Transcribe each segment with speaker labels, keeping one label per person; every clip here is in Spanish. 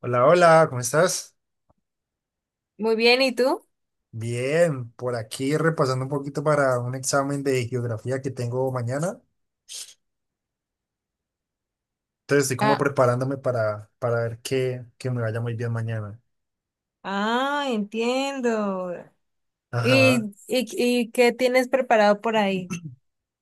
Speaker 1: Hola, hola, ¿cómo estás?
Speaker 2: Muy bien, ¿y tú?
Speaker 1: Bien, por aquí repasando un poquito para un examen de geografía que tengo mañana. Entonces estoy como
Speaker 2: Ah,
Speaker 1: preparándome para ver que me vaya muy bien mañana.
Speaker 2: Ah, entiendo.
Speaker 1: Ajá.
Speaker 2: ¿y, y qué tienes preparado por ahí?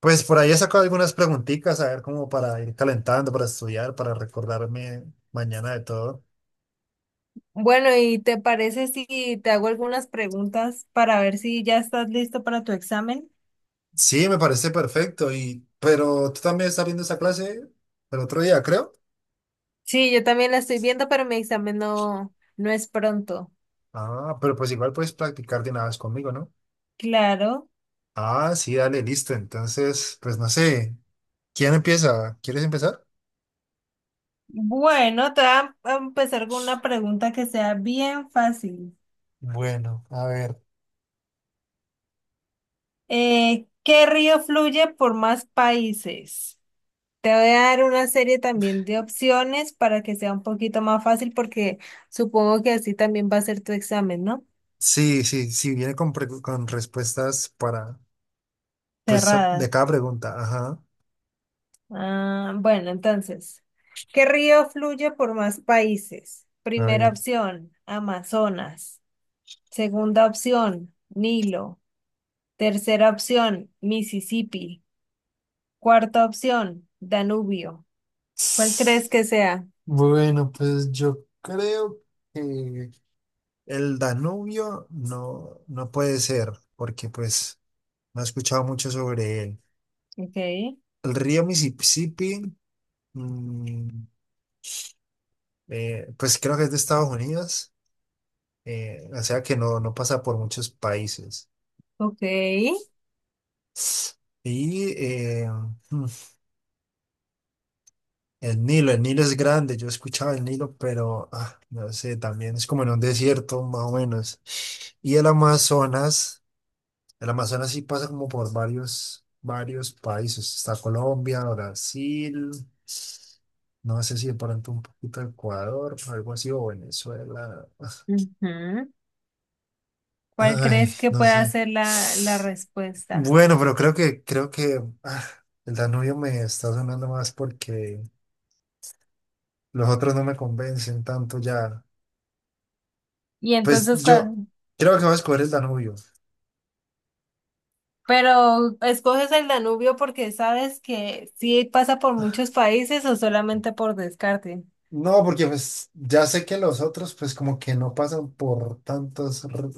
Speaker 1: Pues por ahí he sacado algunas preguntitas, a ver como para ir calentando, para estudiar, para recordarme mañana de todo.
Speaker 2: Bueno, ¿y te parece si te hago algunas preguntas para ver si ya estás listo para tu examen?
Speaker 1: Sí, me parece perfecto. Y, pero tú también estás viendo esa clase el otro día, creo.
Speaker 2: Sí, yo también la estoy viendo, pero mi examen no, no es pronto.
Speaker 1: Ah, pero pues igual puedes practicar de una vez conmigo, ¿no?
Speaker 2: Claro.
Speaker 1: Ah, sí, dale, listo. Entonces, pues no sé. ¿Quién empieza? ¿Quieres empezar?
Speaker 2: Bueno, te voy a empezar con una pregunta que sea bien fácil.
Speaker 1: Bueno, a ver.
Speaker 2: ¿Qué río fluye por más países? Te voy a dar una serie también de opciones para que sea un poquito más fácil porque supongo que así también va a ser tu examen, ¿no?
Speaker 1: Sí, sí, sí, viene con, con respuestas para, pues,
Speaker 2: Cerrada.
Speaker 1: de cada pregunta. Ajá.
Speaker 2: Ah, bueno, entonces, ¿qué río fluye por más países?
Speaker 1: A
Speaker 2: Primera
Speaker 1: ver.
Speaker 2: opción, Amazonas. Segunda opción, Nilo. Tercera opción, Mississippi. Cuarta opción, Danubio. ¿Cuál crees que sea?
Speaker 1: Bueno, pues yo creo que el Danubio no puede ser, porque pues no he escuchado mucho sobre él.
Speaker 2: Ok,
Speaker 1: El río Mississippi, mm, pues creo que es de Estados Unidos, o sea que no pasa por muchos países.
Speaker 2: ok.
Speaker 1: Y mm, el Nilo es grande, yo escuchaba el Nilo, pero no sé, también es como en un desierto más o menos. Y el Amazonas sí pasa como por varios, varios países. Está Colombia, Brasil, no sé si de pronto un poquito Ecuador, algo así, o Venezuela.
Speaker 2: Ujú. ¿Cuál
Speaker 1: Ay,
Speaker 2: crees que
Speaker 1: no
Speaker 2: pueda
Speaker 1: sé.
Speaker 2: ser la respuesta?
Speaker 1: Bueno, pero creo que el Danubio me está sonando más porque los otros no me convencen tanto ya.
Speaker 2: Y
Speaker 1: Pues
Speaker 2: entonces,
Speaker 1: yo creo que voy a escoger el Danubio.
Speaker 2: pero ¿escoges el Danubio porque sabes que sí pasa por muchos países o solamente por descarte?
Speaker 1: No, porque pues ya sé que los otros pues como que no pasan por tantos r-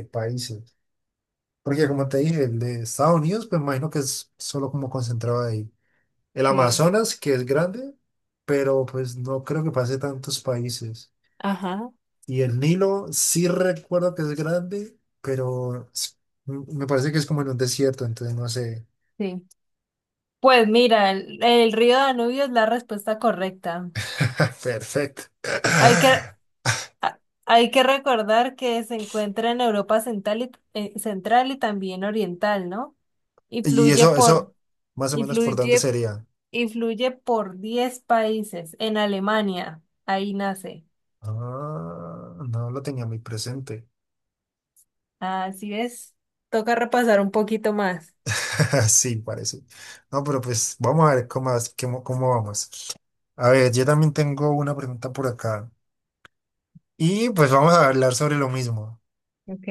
Speaker 1: eh, países. Porque como te dije, el de Estados Unidos pues me imagino que es solo como concentrado ahí. El
Speaker 2: Sí,
Speaker 1: Amazonas, que es grande, pero pues no creo que pase tantos países.
Speaker 2: Ajá.
Speaker 1: Y el Nilo sí recuerdo que es grande, pero me parece que es como en un desierto, entonces no sé.
Speaker 2: Sí. Pues mira, el río Danubio es la respuesta correcta.
Speaker 1: Perfecto.
Speaker 2: Hay que, hay que recordar que se encuentra en Europa central y también oriental, ¿no? Y
Speaker 1: Y
Speaker 2: fluye
Speaker 1: eso,
Speaker 2: por,
Speaker 1: eso, más o menos por dónde
Speaker 2: influye
Speaker 1: sería.
Speaker 2: Influye por 10 países en Alemania. Ahí nace.
Speaker 1: Ah, no lo tenía muy presente.
Speaker 2: Así es. Toca repasar un poquito más.
Speaker 1: Sí, parece. No, pero pues vamos a ver cómo, cómo vamos. A ver, yo también tengo una pregunta por acá. Y pues vamos a hablar sobre lo mismo.
Speaker 2: Ok.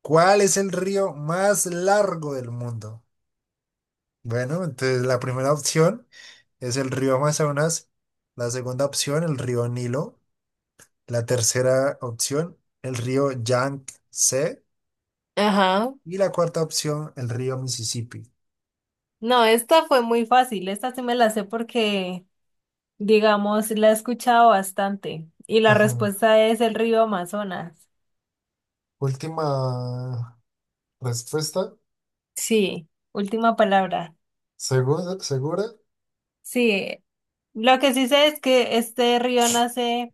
Speaker 1: ¿Cuál es el río más largo del mundo? Bueno, entonces la primera opción es el río Amazonas, la segunda opción el río Nilo, la tercera opción el río Yangtze
Speaker 2: Ajá.
Speaker 1: y la cuarta opción, el río Mississippi.
Speaker 2: No, esta fue muy fácil. Esta sí me la sé porque, digamos, la he escuchado bastante. Y la
Speaker 1: Ajá.
Speaker 2: respuesta es el río Amazonas.
Speaker 1: Última respuesta.
Speaker 2: Sí, última palabra.
Speaker 1: ¿Segura? ¿Segura?
Speaker 2: Sí. Lo que sí sé es que este río nace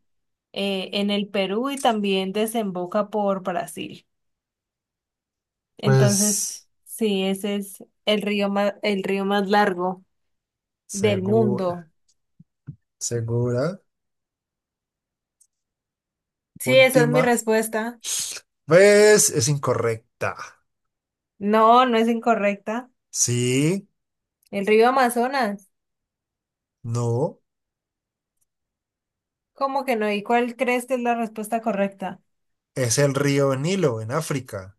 Speaker 2: en el Perú y también desemboca por Brasil.
Speaker 1: Pues
Speaker 2: Entonces, sí, ese es el río más largo del mundo.
Speaker 1: segura, segura.
Speaker 2: Sí, esa es mi
Speaker 1: Última
Speaker 2: respuesta.
Speaker 1: pues es incorrecta.
Speaker 2: No, no es incorrecta.
Speaker 1: Sí,
Speaker 2: El río Amazonas.
Speaker 1: no,
Speaker 2: ¿Cómo que no? ¿Y cuál crees que es la respuesta correcta?
Speaker 1: es el río Nilo en África.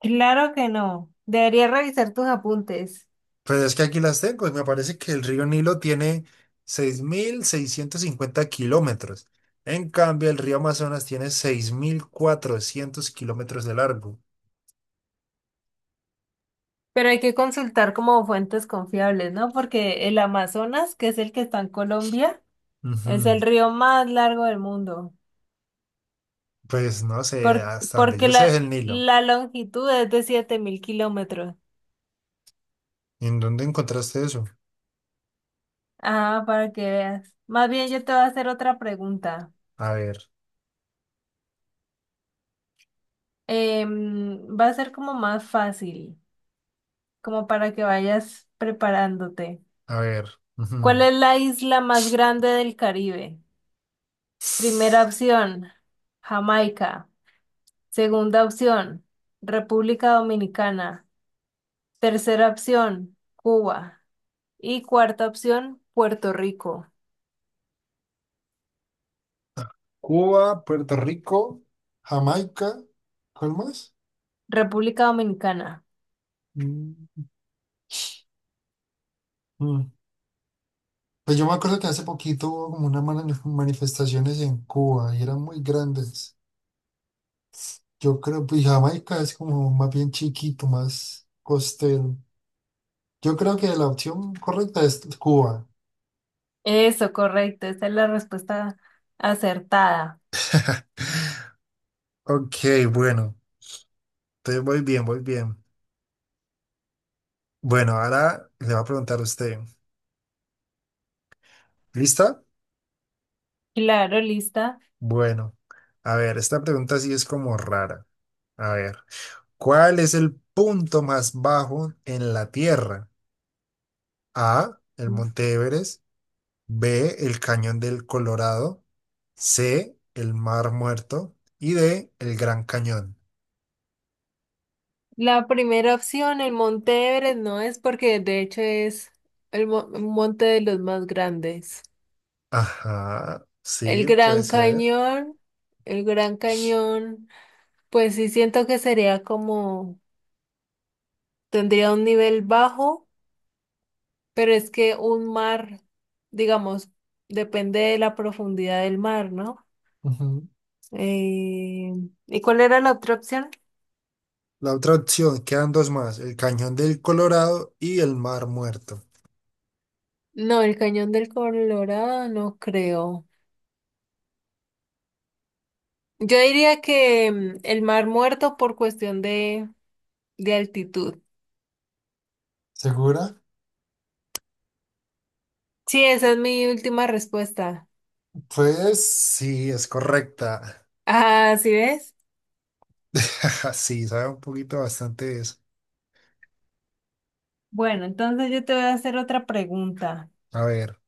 Speaker 2: Claro que no. Deberías revisar tus apuntes,
Speaker 1: Pues es que aquí las tengo y me parece que el río Nilo tiene 6650 kilómetros. En cambio, el río Amazonas tiene 6400 kilómetros de largo.
Speaker 2: pero hay que consultar como fuentes confiables, ¿no? Porque el Amazonas, que es el que está en Colombia, es el
Speaker 1: Ujú.
Speaker 2: río más largo del mundo,
Speaker 1: Pues no sé,
Speaker 2: por-
Speaker 1: hasta donde
Speaker 2: porque
Speaker 1: yo sé es
Speaker 2: la,
Speaker 1: el Nilo.
Speaker 2: la longitud es de 7.000 kilómetros.
Speaker 1: ¿Y en dónde encontraste eso?
Speaker 2: Ah, para que veas. Más bien yo te voy a hacer otra pregunta.
Speaker 1: A ver,
Speaker 2: Va a ser como más fácil, como para que vayas preparándote.
Speaker 1: a ver.
Speaker 2: ¿Cuál
Speaker 1: Ujú.
Speaker 2: es la isla más grande del Caribe? Primera opción, Jamaica. Segunda opción, República Dominicana. Tercera opción, Cuba. Y cuarta opción, Puerto Rico,
Speaker 1: Cuba, Puerto Rico, Jamaica, ¿cuál más?
Speaker 2: República Dominicana.
Speaker 1: Mm, mm. Pues yo me acuerdo que hace poquito hubo como unas manifestaciones en Cuba y eran muy grandes. Yo creo, pues Jamaica es como más bien chiquito, más costero. Yo creo que la opción correcta es Cuba.
Speaker 2: Eso, correcto. Esa es la respuesta acertada.
Speaker 1: Ok, bueno, entonces voy bien, voy bien. Bueno, ahora le va a preguntar a usted. ¿Lista?
Speaker 2: Claro, lista.
Speaker 1: Bueno, a ver, esta pregunta sí es como rara. A ver, ¿cuál es el punto más bajo en la Tierra? A, el Monte Everest, B, el Cañón del Colorado, C, el Mar Muerto y D, el Gran Cañón.
Speaker 2: La primera opción, el Monte Everest, no es porque de hecho es un monte de los más grandes.
Speaker 1: Ajá,
Speaker 2: El
Speaker 1: sí, puede
Speaker 2: Gran
Speaker 1: ser.
Speaker 2: Cañón, el Gran Cañón, pues sí siento que sería como, tendría un nivel bajo, pero es que un mar, digamos, depende de la profundidad del mar, ¿no?
Speaker 1: Ujú.
Speaker 2: Eh, ¿y cuál era la otra opción?
Speaker 1: La otra opción, quedan dos más, el Cañón del Colorado y el Mar Muerto.
Speaker 2: No, el Cañón del Colorado, no creo. Yo diría que el Mar Muerto por cuestión de altitud.
Speaker 1: ¿Segura?
Speaker 2: Sí, esa es mi última respuesta.
Speaker 1: Pues sí, es correcta.
Speaker 2: Ah, ¿sí ves?
Speaker 1: Sí, sabe un poquito bastante de eso.
Speaker 2: Bueno, entonces yo te voy a hacer otra pregunta.
Speaker 1: A ver.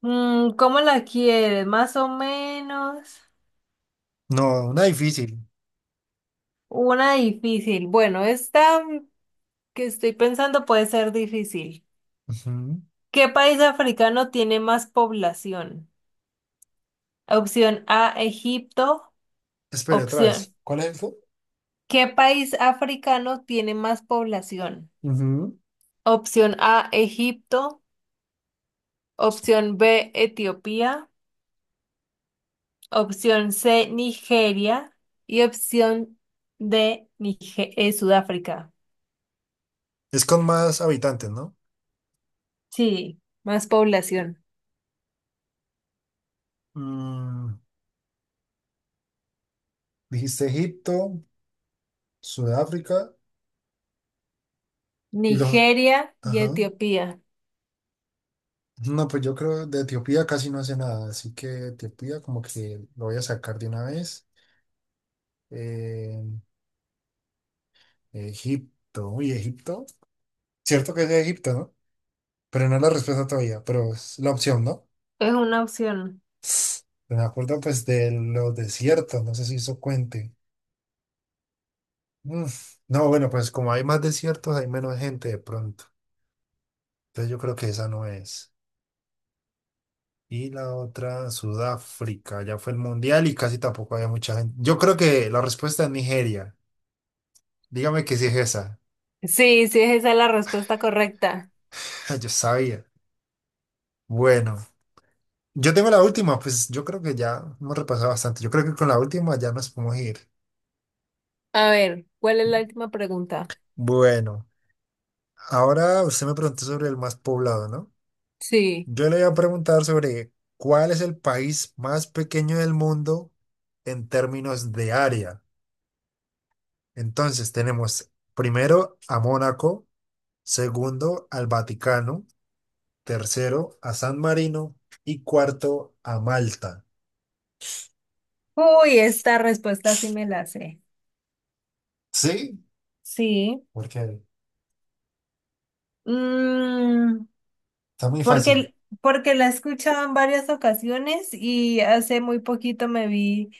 Speaker 2: Mm, ¿cómo la quieres? Más o menos.
Speaker 1: No, una difícil.
Speaker 2: Una difícil. Bueno, esta que estoy pensando puede ser difícil.
Speaker 1: Ujú.
Speaker 2: ¿Qué país africano tiene más población? Opción A, Egipto.
Speaker 1: Espere otra
Speaker 2: Opción.
Speaker 1: vez. ¿Cuál es el
Speaker 2: ¿Qué país africano tiene más población?
Speaker 1: Ujú.
Speaker 2: Opción A, Egipto. Opción B, Etiopía. Opción C, Nigeria. Y opción D, Sudáfrica.
Speaker 1: Es con más habitantes, ¿no?
Speaker 2: Sí, más población.
Speaker 1: Mm, dijiste Egipto, Sudáfrica y los...
Speaker 2: Nigeria y
Speaker 1: Ajá.
Speaker 2: Etiopía.
Speaker 1: No, pues yo creo de Etiopía casi no hace nada, así que Etiopía como que lo voy a sacar de una vez. Eh, Egipto, uy, Egipto. Cierto que es de Egipto, ¿no? Pero no la respuesta todavía, pero es la opción, ¿no?
Speaker 2: Es una opción.
Speaker 1: Me acuerdo pues de los desiertos, no sé si eso cuente. Mm. No, bueno, pues como hay más desiertos, hay menos gente de pronto. Entonces yo creo que esa no es. Y la otra, Sudáfrica, ya fue el mundial y casi tampoco había mucha gente. Yo creo que la respuesta es Nigeria. Dígame que sí es esa.
Speaker 2: Sí, sí, esa es la respuesta correcta.
Speaker 1: Yo sabía. Bueno, yo tengo la última, pues yo creo que ya hemos repasado bastante. Yo creo que con la última ya nos podemos ir.
Speaker 2: A ver, ¿cuál es la última pregunta?
Speaker 1: Bueno. Ahora usted me preguntó sobre el más poblado, ¿no?
Speaker 2: Sí.
Speaker 1: Yo le voy a preguntar sobre cuál es el país más pequeño del mundo en términos de área. Entonces tenemos primero a Mónaco, segundo al Vaticano, tercero a San Marino y cuarto a Malta.
Speaker 2: Uy, esta respuesta sí me la sé.
Speaker 1: ¿Sí?
Speaker 2: Sí.
Speaker 1: Porque
Speaker 2: Mm.
Speaker 1: está muy fácil.
Speaker 2: Porque, porque la he escuchado en varias ocasiones y hace muy poquito me vi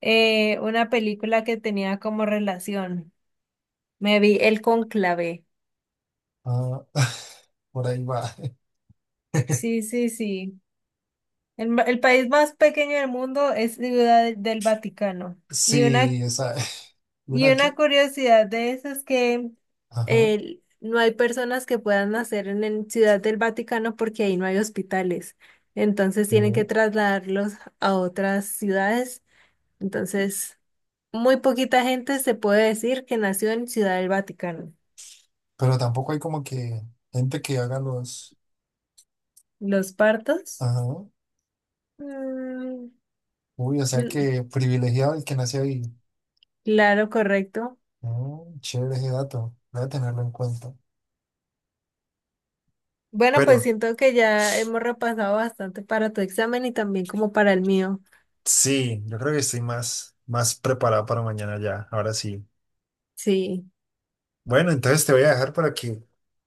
Speaker 2: una película que tenía como relación. Me vi El Cónclave.
Speaker 1: Ah, por ahí va.
Speaker 2: Sí, sí, sí. El país más pequeño del mundo es Ciudad del Vaticano. Y una,
Speaker 1: Sí, esa. ¿Una
Speaker 2: y una
Speaker 1: aquí?
Speaker 2: curiosidad de eso es que
Speaker 1: Ajá.
Speaker 2: no hay personas que puedan nacer en Ciudad del Vaticano porque ahí no hay hospitales. Entonces tienen que
Speaker 1: Sí.
Speaker 2: trasladarlos a otras ciudades. Entonces, muy poquita gente se puede decir que nació en Ciudad del Vaticano.
Speaker 1: Pero tampoco hay como que gente que haga los...
Speaker 2: Los partos.
Speaker 1: Ajá.
Speaker 2: Mm,
Speaker 1: Uy, o sea
Speaker 2: mm,
Speaker 1: que privilegiado el que nació ahí.
Speaker 2: claro, correcto.
Speaker 1: Mm, chévere ese dato. Voy a tenerlo en cuenta.
Speaker 2: Bueno, pues
Speaker 1: Pero
Speaker 2: siento que ya hemos repasado bastante para tu examen y también como para el mío.
Speaker 1: sí, yo creo que estoy más preparado para mañana ya. Ahora sí.
Speaker 2: Sí.
Speaker 1: Bueno, entonces te voy a dejar para que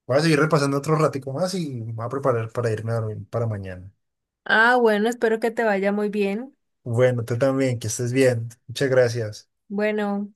Speaker 1: voy a seguir repasando otro ratico más y me voy a preparar para irme a dormir para mañana.
Speaker 2: Ah, bueno, espero que te vaya muy bien.
Speaker 1: Bueno, tú también, que estés bien. Muchas gracias.
Speaker 2: Bueno.